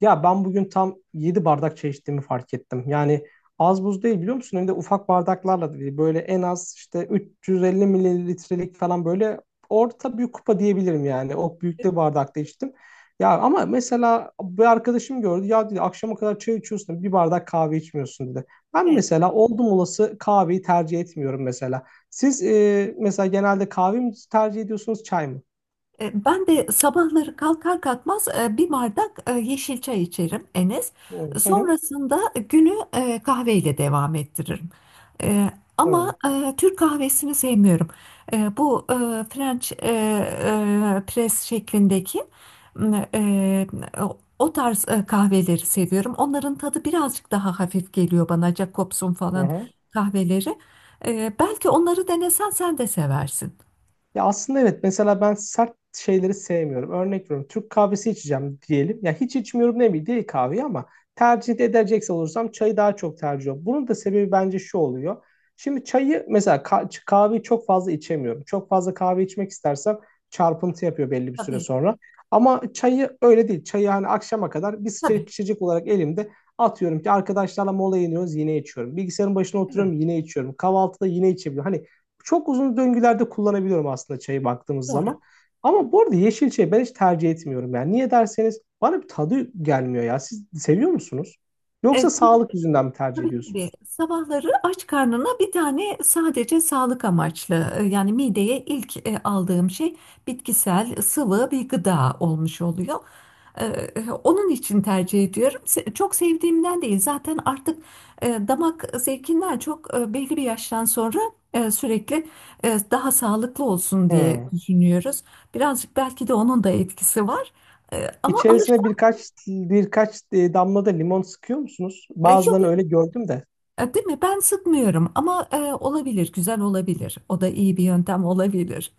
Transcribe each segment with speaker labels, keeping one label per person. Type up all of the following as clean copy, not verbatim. Speaker 1: Ya ben bugün tam 7 bardak çay içtiğimi fark ettim. Yani az buz değil biliyor musun? Hem de ufak bardaklarla da değil. Böyle en az işte 350 mililitrelik falan böyle orta büyük kupa diyebilirim yani. O büyüklüğü bardakta içtim. Ya ama mesela bir arkadaşım gördü. Ya dedi akşama kadar çay içiyorsun bir bardak kahve içmiyorsun dedi. Ben
Speaker 2: Evet.
Speaker 1: mesela oldum olası kahveyi tercih etmiyorum mesela. Siz mesela genelde kahve mi tercih ediyorsunuz çay mı?
Speaker 2: Ben de sabahları kalkar kalkmaz bir bardak yeşil çay içerim Enes.
Speaker 1: Hı hı.
Speaker 2: Sonrasında günü kahveyle devam ettiririm. E, Ama
Speaker 1: Evet.
Speaker 2: Türk kahvesini sevmiyorum. Bu French press şeklindeki e, o tarz kahveleri seviyorum. Onların tadı birazcık daha hafif geliyor bana. Jacobs'un
Speaker 1: Hı
Speaker 2: falan
Speaker 1: hı.
Speaker 2: kahveleri. Belki onları denesen sen de seversin.
Speaker 1: Ya aslında evet mesela ben sert şeyleri sevmiyorum. Örnek veriyorum Türk kahvesi içeceğim diyelim. Ya hiç içmiyorum demeyeyim değil kahveyi ama tercih edecekse olursam çayı daha çok tercih ediyorum. Bunun da sebebi bence şu oluyor. Şimdi çayı mesela kahveyi çok fazla içemiyorum. Çok fazla kahve içmek istersem çarpıntı yapıyor belli bir süre
Speaker 2: Tabii,
Speaker 1: sonra. Ama çayı öyle değil. Çayı hani akşama kadar bir
Speaker 2: tabii.
Speaker 1: sıcacık içecek olarak elimde atıyorum ki arkadaşlarla mola iniyoruz yine içiyorum. Bilgisayarın başına oturuyorum yine içiyorum. Kahvaltıda yine içebiliyorum. Hani çok uzun döngülerde kullanabiliyorum aslında çayı baktığımız
Speaker 2: Doğru.
Speaker 1: zaman. Ama bu arada yeşil çayı ben hiç tercih etmiyorum. Yani niye derseniz bana bir tadı gelmiyor ya. Siz seviyor musunuz? Yoksa
Speaker 2: Evet, tabii,
Speaker 1: sağlık yüzünden mi tercih
Speaker 2: tabii. tabii.
Speaker 1: ediyorsunuz?
Speaker 2: Sabahları aç karnına bir tane sadece sağlık amaçlı yani mideye ilk aldığım şey bitkisel sıvı bir gıda olmuş oluyor. Onun için tercih ediyorum. Çok sevdiğimden değil zaten artık damak zevkinden çok belli bir yaştan sonra sürekli daha sağlıklı olsun diye
Speaker 1: Hmm.
Speaker 2: düşünüyoruz. Birazcık belki de onun da etkisi var. Ama
Speaker 1: İçerisine birkaç damla da limon sıkıyor musunuz?
Speaker 2: yok.
Speaker 1: Bazılarını öyle gördüm de.
Speaker 2: Değil mi? Ben sıkmıyorum ama olabilir, güzel olabilir. O da iyi bir yöntem olabilir.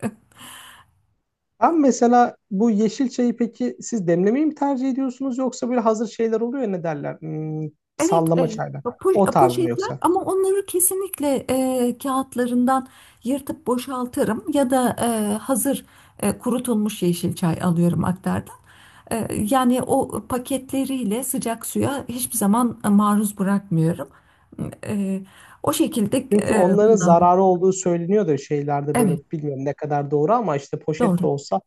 Speaker 1: Abi mesela bu yeşil çayı peki siz demlemeyi mi tercih ediyorsunuz yoksa böyle hazır şeyler oluyor ya ne derler?
Speaker 2: Evet,
Speaker 1: Sallama çaylar. O tarz mı
Speaker 2: poşetler
Speaker 1: yoksa?
Speaker 2: ama onları kesinlikle kağıtlarından yırtıp boşaltırım ya da hazır kurutulmuş yeşil çay alıyorum aktardan. Yani o paketleriyle sıcak suya hiçbir zaman maruz bırakmıyorum. E, O şekilde
Speaker 1: Çünkü onların
Speaker 2: kullanıyorum.
Speaker 1: zararı olduğu söyleniyor da şeylerde böyle
Speaker 2: Evet,
Speaker 1: bilmiyorum ne kadar doğru ama işte poşet
Speaker 2: doğru.
Speaker 1: de olsa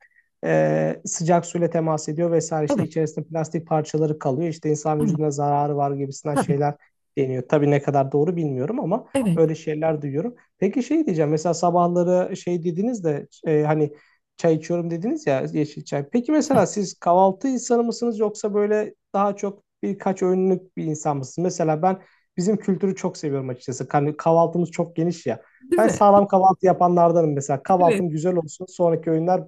Speaker 1: sıcak suyla temas ediyor vesaire işte
Speaker 2: Evet,
Speaker 1: içerisinde plastik parçaları kalıyor işte insan
Speaker 2: evet,
Speaker 1: vücuduna zararı var gibisinden
Speaker 2: tabii.
Speaker 1: şeyler deniyor. Tabii ne kadar doğru bilmiyorum ama
Speaker 2: Evet,
Speaker 1: öyle şeyler duyuyorum. Peki şey diyeceğim mesela sabahları şey dediniz de hani çay içiyorum dediniz ya yeşil çay. Peki
Speaker 2: evet.
Speaker 1: mesela siz kahvaltı insanı mısınız yoksa böyle daha çok birkaç öğünlük bir insan mısınız? Mesela ben bizim kültürü çok seviyorum açıkçası. Hani kahvaltımız çok geniş ya.
Speaker 2: Değil
Speaker 1: Ben
Speaker 2: mi?
Speaker 1: sağlam kahvaltı yapanlardanım mesela.
Speaker 2: Evet.
Speaker 1: Kahvaltım güzel olsun. Sonraki öğünler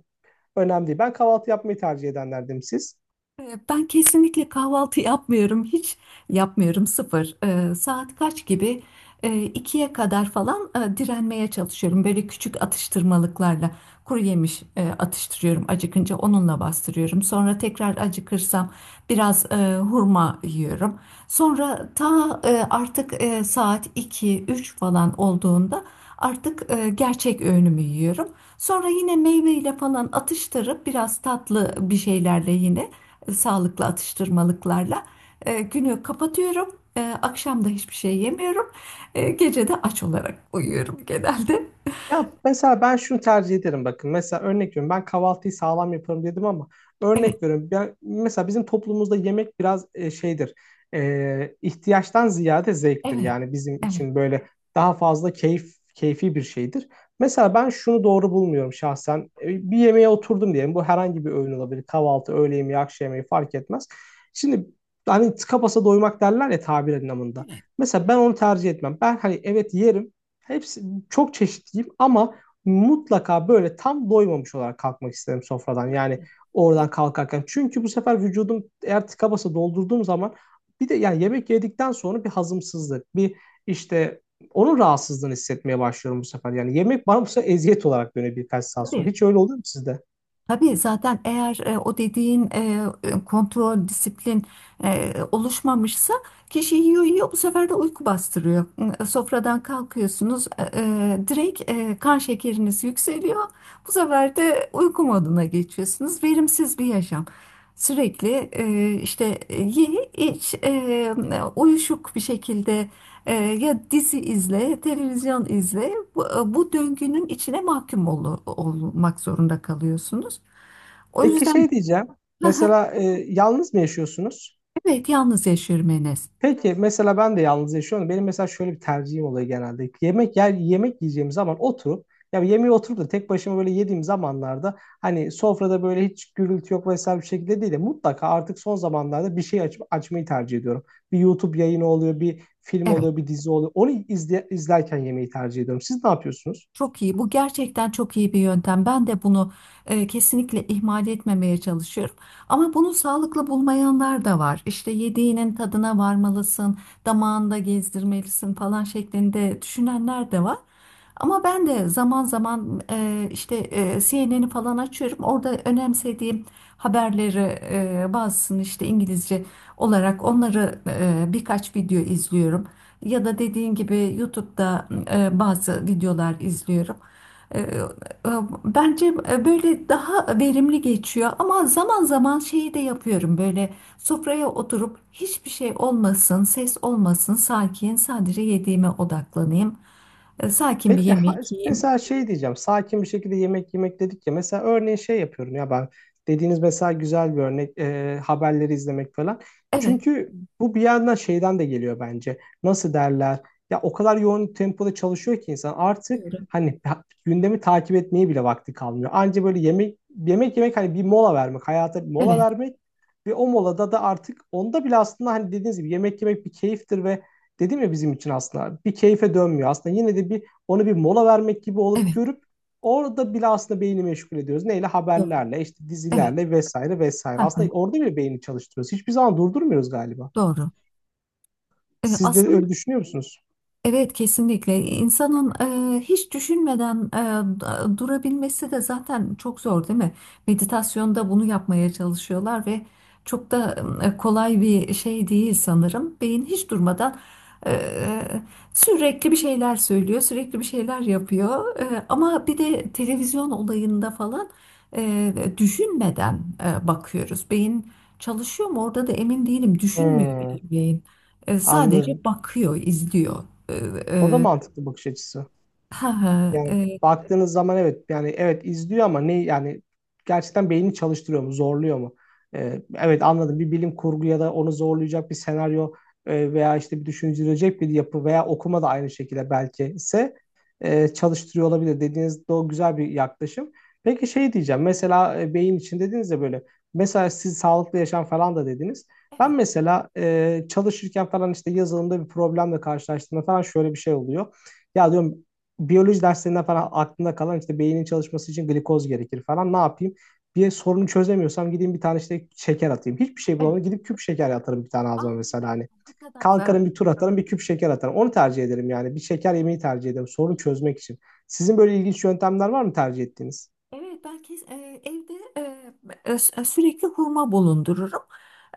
Speaker 1: önemli değil. Ben kahvaltı yapmayı tercih edenlerdenim siz.
Speaker 2: Ben kesinlikle kahvaltı yapmıyorum. Hiç yapmıyorum, sıfır. Saat kaç gibi? İkiye kadar falan direnmeye çalışıyorum. Böyle küçük atıştırmalıklarla kuru yemiş atıştırıyorum. Acıkınca onunla bastırıyorum. Sonra tekrar acıkırsam biraz hurma yiyorum. Sonra artık saat iki üç falan olduğunda artık gerçek öğünümü yiyorum. Sonra yine meyveyle falan atıştırıp biraz tatlı bir şeylerle yine sağlıklı atıştırmalıklarla. Günü kapatıyorum. Akşam da hiçbir şey yemiyorum. Gece de aç olarak uyuyorum genelde.
Speaker 1: Ya mesela ben şunu tercih ederim bakın. Mesela örnek veriyorum ben kahvaltıyı sağlam yaparım dedim ama
Speaker 2: Evet,
Speaker 1: örnek veriyorum ben, mesela bizim toplumumuzda yemek biraz şeydir. İhtiyaçtan ziyade zevktir.
Speaker 2: evet,
Speaker 1: Yani bizim
Speaker 2: evet.
Speaker 1: için böyle daha fazla keyfi bir şeydir. Mesela ben şunu doğru bulmuyorum şahsen. Bir yemeğe oturdum diyelim. Bu herhangi bir öğün olabilir. Kahvaltı, öğle yemeği, akşam yemeği fark etmez. Şimdi hani tıka basa doymak derler ya tabir anlamında. Mesela ben onu tercih etmem. Ben hani evet yerim. Hepsi çok çeşitliyim ama mutlaka böyle tam doymamış olarak kalkmak isterim sofradan. Yani oradan kalkarken. Çünkü bu sefer vücudum eğer tıka basa doldurduğum zaman bir de yani yemek yedikten sonra bir hazımsızlık, bir işte onun rahatsızlığını hissetmeye başlıyorum bu sefer. Yani yemek bana bu sefer eziyet olarak dönüyor birkaç saat sonra.
Speaker 2: Tabii.
Speaker 1: Hiç öyle oluyor mu sizde?
Speaker 2: Tabii zaten eğer o dediğin kontrol, disiplin oluşmamışsa kişi yiyor yiyor, bu sefer de uyku bastırıyor. Sofradan kalkıyorsunuz, direkt kan şekeriniz yükseliyor. Bu sefer de uyku moduna geçiyorsunuz. Verimsiz bir yaşam. Sürekli işte ye iç, uyuşuk bir şekilde ya dizi izle, televizyon izle. Bu döngünün içine mahkum olmak zorunda kalıyorsunuz. O
Speaker 1: Peki
Speaker 2: yüzden.
Speaker 1: şey diyeceğim. Mesela yalnız mı yaşıyorsunuz?
Speaker 2: Evet, yalnız yaşıyorum Enes.
Speaker 1: Peki mesela ben de yalnız yaşıyorum. Benim mesela şöyle bir tercihim oluyor genelde. Yemek yiyeceğim zaman oturup ya yemeği oturup da tek başıma böyle yediğim zamanlarda hani sofrada böyle hiç gürültü yok vesaire bir şekilde değil de mutlaka artık son zamanlarda bir şey açmayı tercih ediyorum. Bir YouTube yayını oluyor, bir film
Speaker 2: Evet.
Speaker 1: oluyor, bir dizi oluyor. Onu izlerken yemeği tercih ediyorum. Siz ne yapıyorsunuz?
Speaker 2: Çok iyi. Bu gerçekten çok iyi bir yöntem. Ben de bunu kesinlikle ihmal etmemeye çalışıyorum. Ama bunu sağlıklı bulmayanlar da var. İşte yediğinin tadına varmalısın, damağında gezdirmelisin falan şeklinde düşünenler de var. Ama ben de zaman zaman işte CNN'i falan açıyorum. Orada önemsediğim haberleri, bazısını işte İngilizce olarak onları birkaç video izliyorum. Ya da dediğin gibi YouTube'da bazı videolar izliyorum. E, e, Bence böyle daha verimli geçiyor ama zaman zaman şeyi de yapıyorum, böyle sofraya oturup hiçbir şey olmasın, ses olmasın, sakin sadece yediğime odaklanayım. Sakin bir
Speaker 1: Peki
Speaker 2: yemek yiyeyim.
Speaker 1: mesela şey diyeceğim sakin bir şekilde yemek yemek dedik ya mesela örneğin şey yapıyorum ya ben dediğiniz mesela güzel bir örnek haberleri izlemek falan.
Speaker 2: Evet,
Speaker 1: Çünkü bu bir yandan şeyden de geliyor bence nasıl derler ya o kadar yoğun tempoda çalışıyor ki insan artık
Speaker 2: doğru.
Speaker 1: hani gündemi takip etmeye bile vakti kalmıyor. Anca böyle yemek yemek yemek hani bir mola vermek hayata bir mola
Speaker 2: Evet,
Speaker 1: vermek ve o molada da artık onda bile aslında hani dediğiniz gibi yemek yemek bir keyiftir ve dedim ya bizim için aslında bir keyfe dönmüyor aslında yine de bir onu bir mola vermek gibi olup
Speaker 2: evet,
Speaker 1: görüp orada bile aslında beyni meşgul ediyoruz. Neyle?
Speaker 2: doğru.
Speaker 1: Haberlerle, işte
Speaker 2: Evet,
Speaker 1: dizilerle vesaire vesaire.
Speaker 2: hı hı,
Speaker 1: Aslında orada bile beyni çalıştırıyoruz. Hiçbir zaman durdurmuyoruz galiba.
Speaker 2: doğru.
Speaker 1: Siz de
Speaker 2: Aslında,
Speaker 1: öyle düşünüyor musunuz?
Speaker 2: evet, kesinlikle insanın hiç düşünmeden durabilmesi de zaten çok zor, değil mi? Meditasyonda bunu yapmaya çalışıyorlar ve çok da kolay bir şey değil sanırım. Beyin hiç durmadan e, sürekli bir şeyler söylüyor, sürekli bir şeyler yapıyor. Ama bir de televizyon olayında falan düşünmeden bakıyoruz. Beyin çalışıyor mu orada da emin değilim. Düşünmüyor
Speaker 1: Hmm,
Speaker 2: beyin. Sadece
Speaker 1: Anladım.
Speaker 2: bakıyor, izliyor. Ee,
Speaker 1: O da
Speaker 2: e,
Speaker 1: mantıklı bakış açısı.
Speaker 2: ha ha,
Speaker 1: Yani baktığınız zaman evet yani evet izliyor ama ne yani gerçekten beynini çalıştırıyor mu zorluyor mu? Evet anladım bir bilim kurgu ya da onu zorlayacak bir senaryo veya işte bir düşündürecek bir yapı veya okuma da aynı şekilde belki ise çalıştırıyor olabilir dediğiniz de o güzel bir yaklaşım. Peki şey diyeceğim mesela beyin için dediniz ya böyle mesela siz sağlıklı yaşam falan da dediniz. Ben
Speaker 2: evet.
Speaker 1: mesela çalışırken falan işte yazılımda bir problemle karşılaştığımda falan şöyle bir şey oluyor. Ya diyorum biyoloji derslerinden falan aklımda kalan işte beynin çalışması için glikoz gerekir falan. Ne yapayım? Bir sorunu çözemiyorsam gideyim bir tane işte şeker atayım. Hiçbir şey
Speaker 2: Evet.
Speaker 1: bulamadım. Gidip küp şeker atarım bir tane
Speaker 2: Aa,
Speaker 1: ağzıma mesela hani.
Speaker 2: ne kadar zarar.
Speaker 1: Kalkarım bir tur atarım bir küp şeker atarım. Onu tercih ederim yani. Bir şeker yemeyi tercih ederim sorun çözmek için. Sizin böyle ilginç yöntemler var mı tercih ettiğiniz?
Speaker 2: Evet, ben evde e, sürekli hurma bulundururum.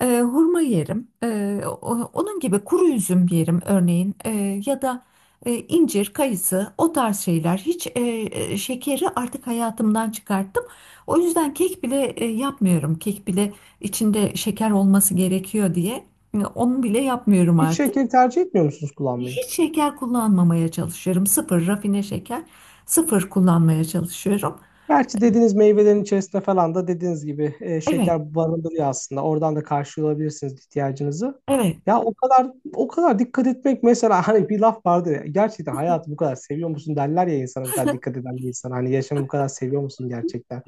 Speaker 2: Hurma yerim. Onun gibi kuru üzüm yerim örneğin. Ya da incir, kayısı, o tarz şeyler. Hiç şekeri artık hayatımdan çıkarttım. O yüzden kek bile yapmıyorum. Kek bile içinde şeker olması gerekiyor diye onu bile yapmıyorum
Speaker 1: Hiç
Speaker 2: artık.
Speaker 1: şekeri tercih etmiyor musunuz kullanmayı?
Speaker 2: Hiç şeker kullanmamaya çalışıyorum. Sıfır rafine şeker, sıfır kullanmaya çalışıyorum.
Speaker 1: Gerçi dediğiniz meyvelerin içerisinde falan da dediğiniz gibi
Speaker 2: Evet,
Speaker 1: şeker barındırıyor aslında. Oradan da karşılayabilirsiniz ihtiyacınızı.
Speaker 2: evet.
Speaker 1: Ya o kadar o kadar dikkat etmek mesela hani bir laf vardır ya gerçekten hayatı bu kadar seviyor musun derler ya insana bu kadar dikkat eden bir insan hani yaşamı bu kadar seviyor musun gerçekten.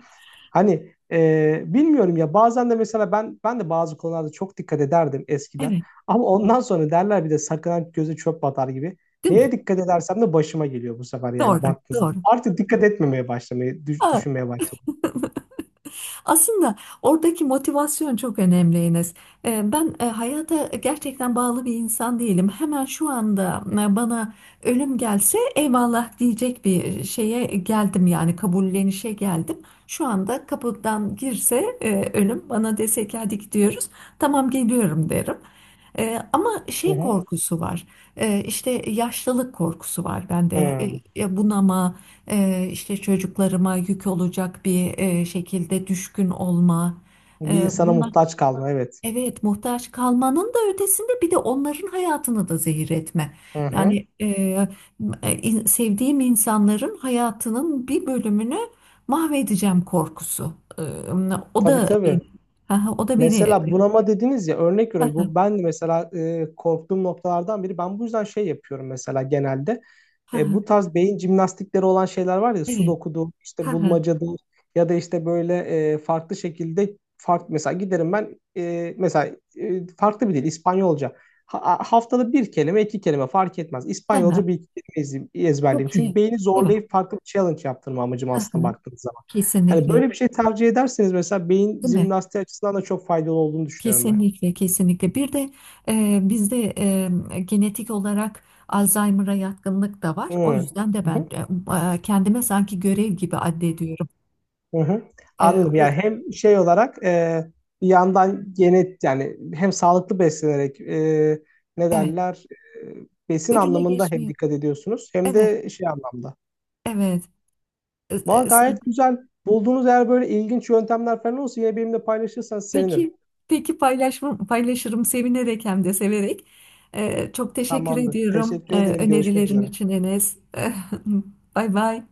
Speaker 1: Hani bilmiyorum ya bazen de mesela ben de bazı konularda çok dikkat ederdim eskiden.
Speaker 2: Evet,
Speaker 1: Ama ondan sonra derler bir de sakınan göze çöp batar gibi.
Speaker 2: değil mi?
Speaker 1: Neye dikkat edersem de başıma geliyor bu sefer yani
Speaker 2: Doğru,
Speaker 1: baktığınızda.
Speaker 2: doğru.
Speaker 1: Artık dikkat etmemeye başlamayı
Speaker 2: Evet.
Speaker 1: düşünmeye başladım.
Speaker 2: Aslında oradaki motivasyon çok önemli Enes. Ben hayata gerçekten bağlı bir insan değilim. Hemen şu anda bana ölüm gelse eyvallah diyecek bir şeye geldim, yani kabullenişe geldim. Şu anda kapıdan girse ölüm bana dese ki hadi gidiyoruz, tamam geliyorum derim. Ama
Speaker 1: Hı
Speaker 2: şey
Speaker 1: hı.
Speaker 2: korkusu var. İşte yaşlılık korkusu var bende.
Speaker 1: Hı.
Speaker 2: Bunama, işte çocuklarıma yük olacak bir şekilde düşkün olma.
Speaker 1: Bir insana
Speaker 2: Bunlar,
Speaker 1: muhtaç kalma evet.
Speaker 2: evet, muhtaç kalmanın da ötesinde bir de onların hayatını da zehir etme.
Speaker 1: Hı hı.
Speaker 2: Yani sevdiğim insanların hayatının bir bölümünü mahvedeceğim korkusu. O
Speaker 1: Tabii
Speaker 2: da
Speaker 1: tabii.
Speaker 2: beni, o da beni.
Speaker 1: Mesela bunama dediniz ya örnek veriyorum bu ben de mesela korktuğum noktalardan biri ben bu yüzden şey yapıyorum mesela genelde. Bu tarz beyin jimnastikleri olan şeyler var ya sudoku'dur işte
Speaker 2: Evet.
Speaker 1: bulmacadır ya da işte böyle farklı şekilde farklı mesela giderim ben mesela farklı bir dil İspanyolca. Haftada bir kelime iki kelime fark etmez İspanyolca bir ezberleyeyim.
Speaker 2: Çok
Speaker 1: Çünkü
Speaker 2: iyi.
Speaker 1: beyni
Speaker 2: Evet.
Speaker 1: zorlayıp farklı bir challenge yaptırma amacım
Speaker 2: Hı
Speaker 1: aslında
Speaker 2: hı.
Speaker 1: baktığınız zaman. Hani
Speaker 2: Kesinlikle.
Speaker 1: böyle bir şey tercih ederseniz mesela beyin
Speaker 2: Değil mi?
Speaker 1: jimnastiği açısından da çok faydalı olduğunu düşünüyorum ben.
Speaker 2: Kesinlikle, kesinlikle. Bir de bizde genetik olarak Alzheimer'a yatkınlık da var.
Speaker 1: Hmm.
Speaker 2: O yüzden de
Speaker 1: Hı hı.
Speaker 2: ben kendime sanki görev gibi addediyorum.
Speaker 1: Hı hı.
Speaker 2: E,
Speaker 1: Anladım.
Speaker 2: o-
Speaker 1: Yani hem şey olarak bir yandan genet yani hem sağlıklı beslenerek ne
Speaker 2: evet,
Speaker 1: derler besin
Speaker 2: önüne
Speaker 1: anlamında hem
Speaker 2: geçmeyi.
Speaker 1: dikkat ediyorsunuz hem
Speaker 2: Evet,
Speaker 1: de şey anlamda.
Speaker 2: evet. E,
Speaker 1: Valla
Speaker 2: e,
Speaker 1: gayet
Speaker 2: sen-
Speaker 1: güzel. Bulduğunuz eğer böyle ilginç yöntemler falan olsa yine benimle paylaşırsanız sevinirim.
Speaker 2: peki, peki, paylaşırım sevinerek hem de severek. Çok teşekkür
Speaker 1: Tamamdır.
Speaker 2: ediyorum
Speaker 1: Teşekkür ederim. Görüşmek
Speaker 2: önerilerin
Speaker 1: üzere.
Speaker 2: için Enes. Bay bay.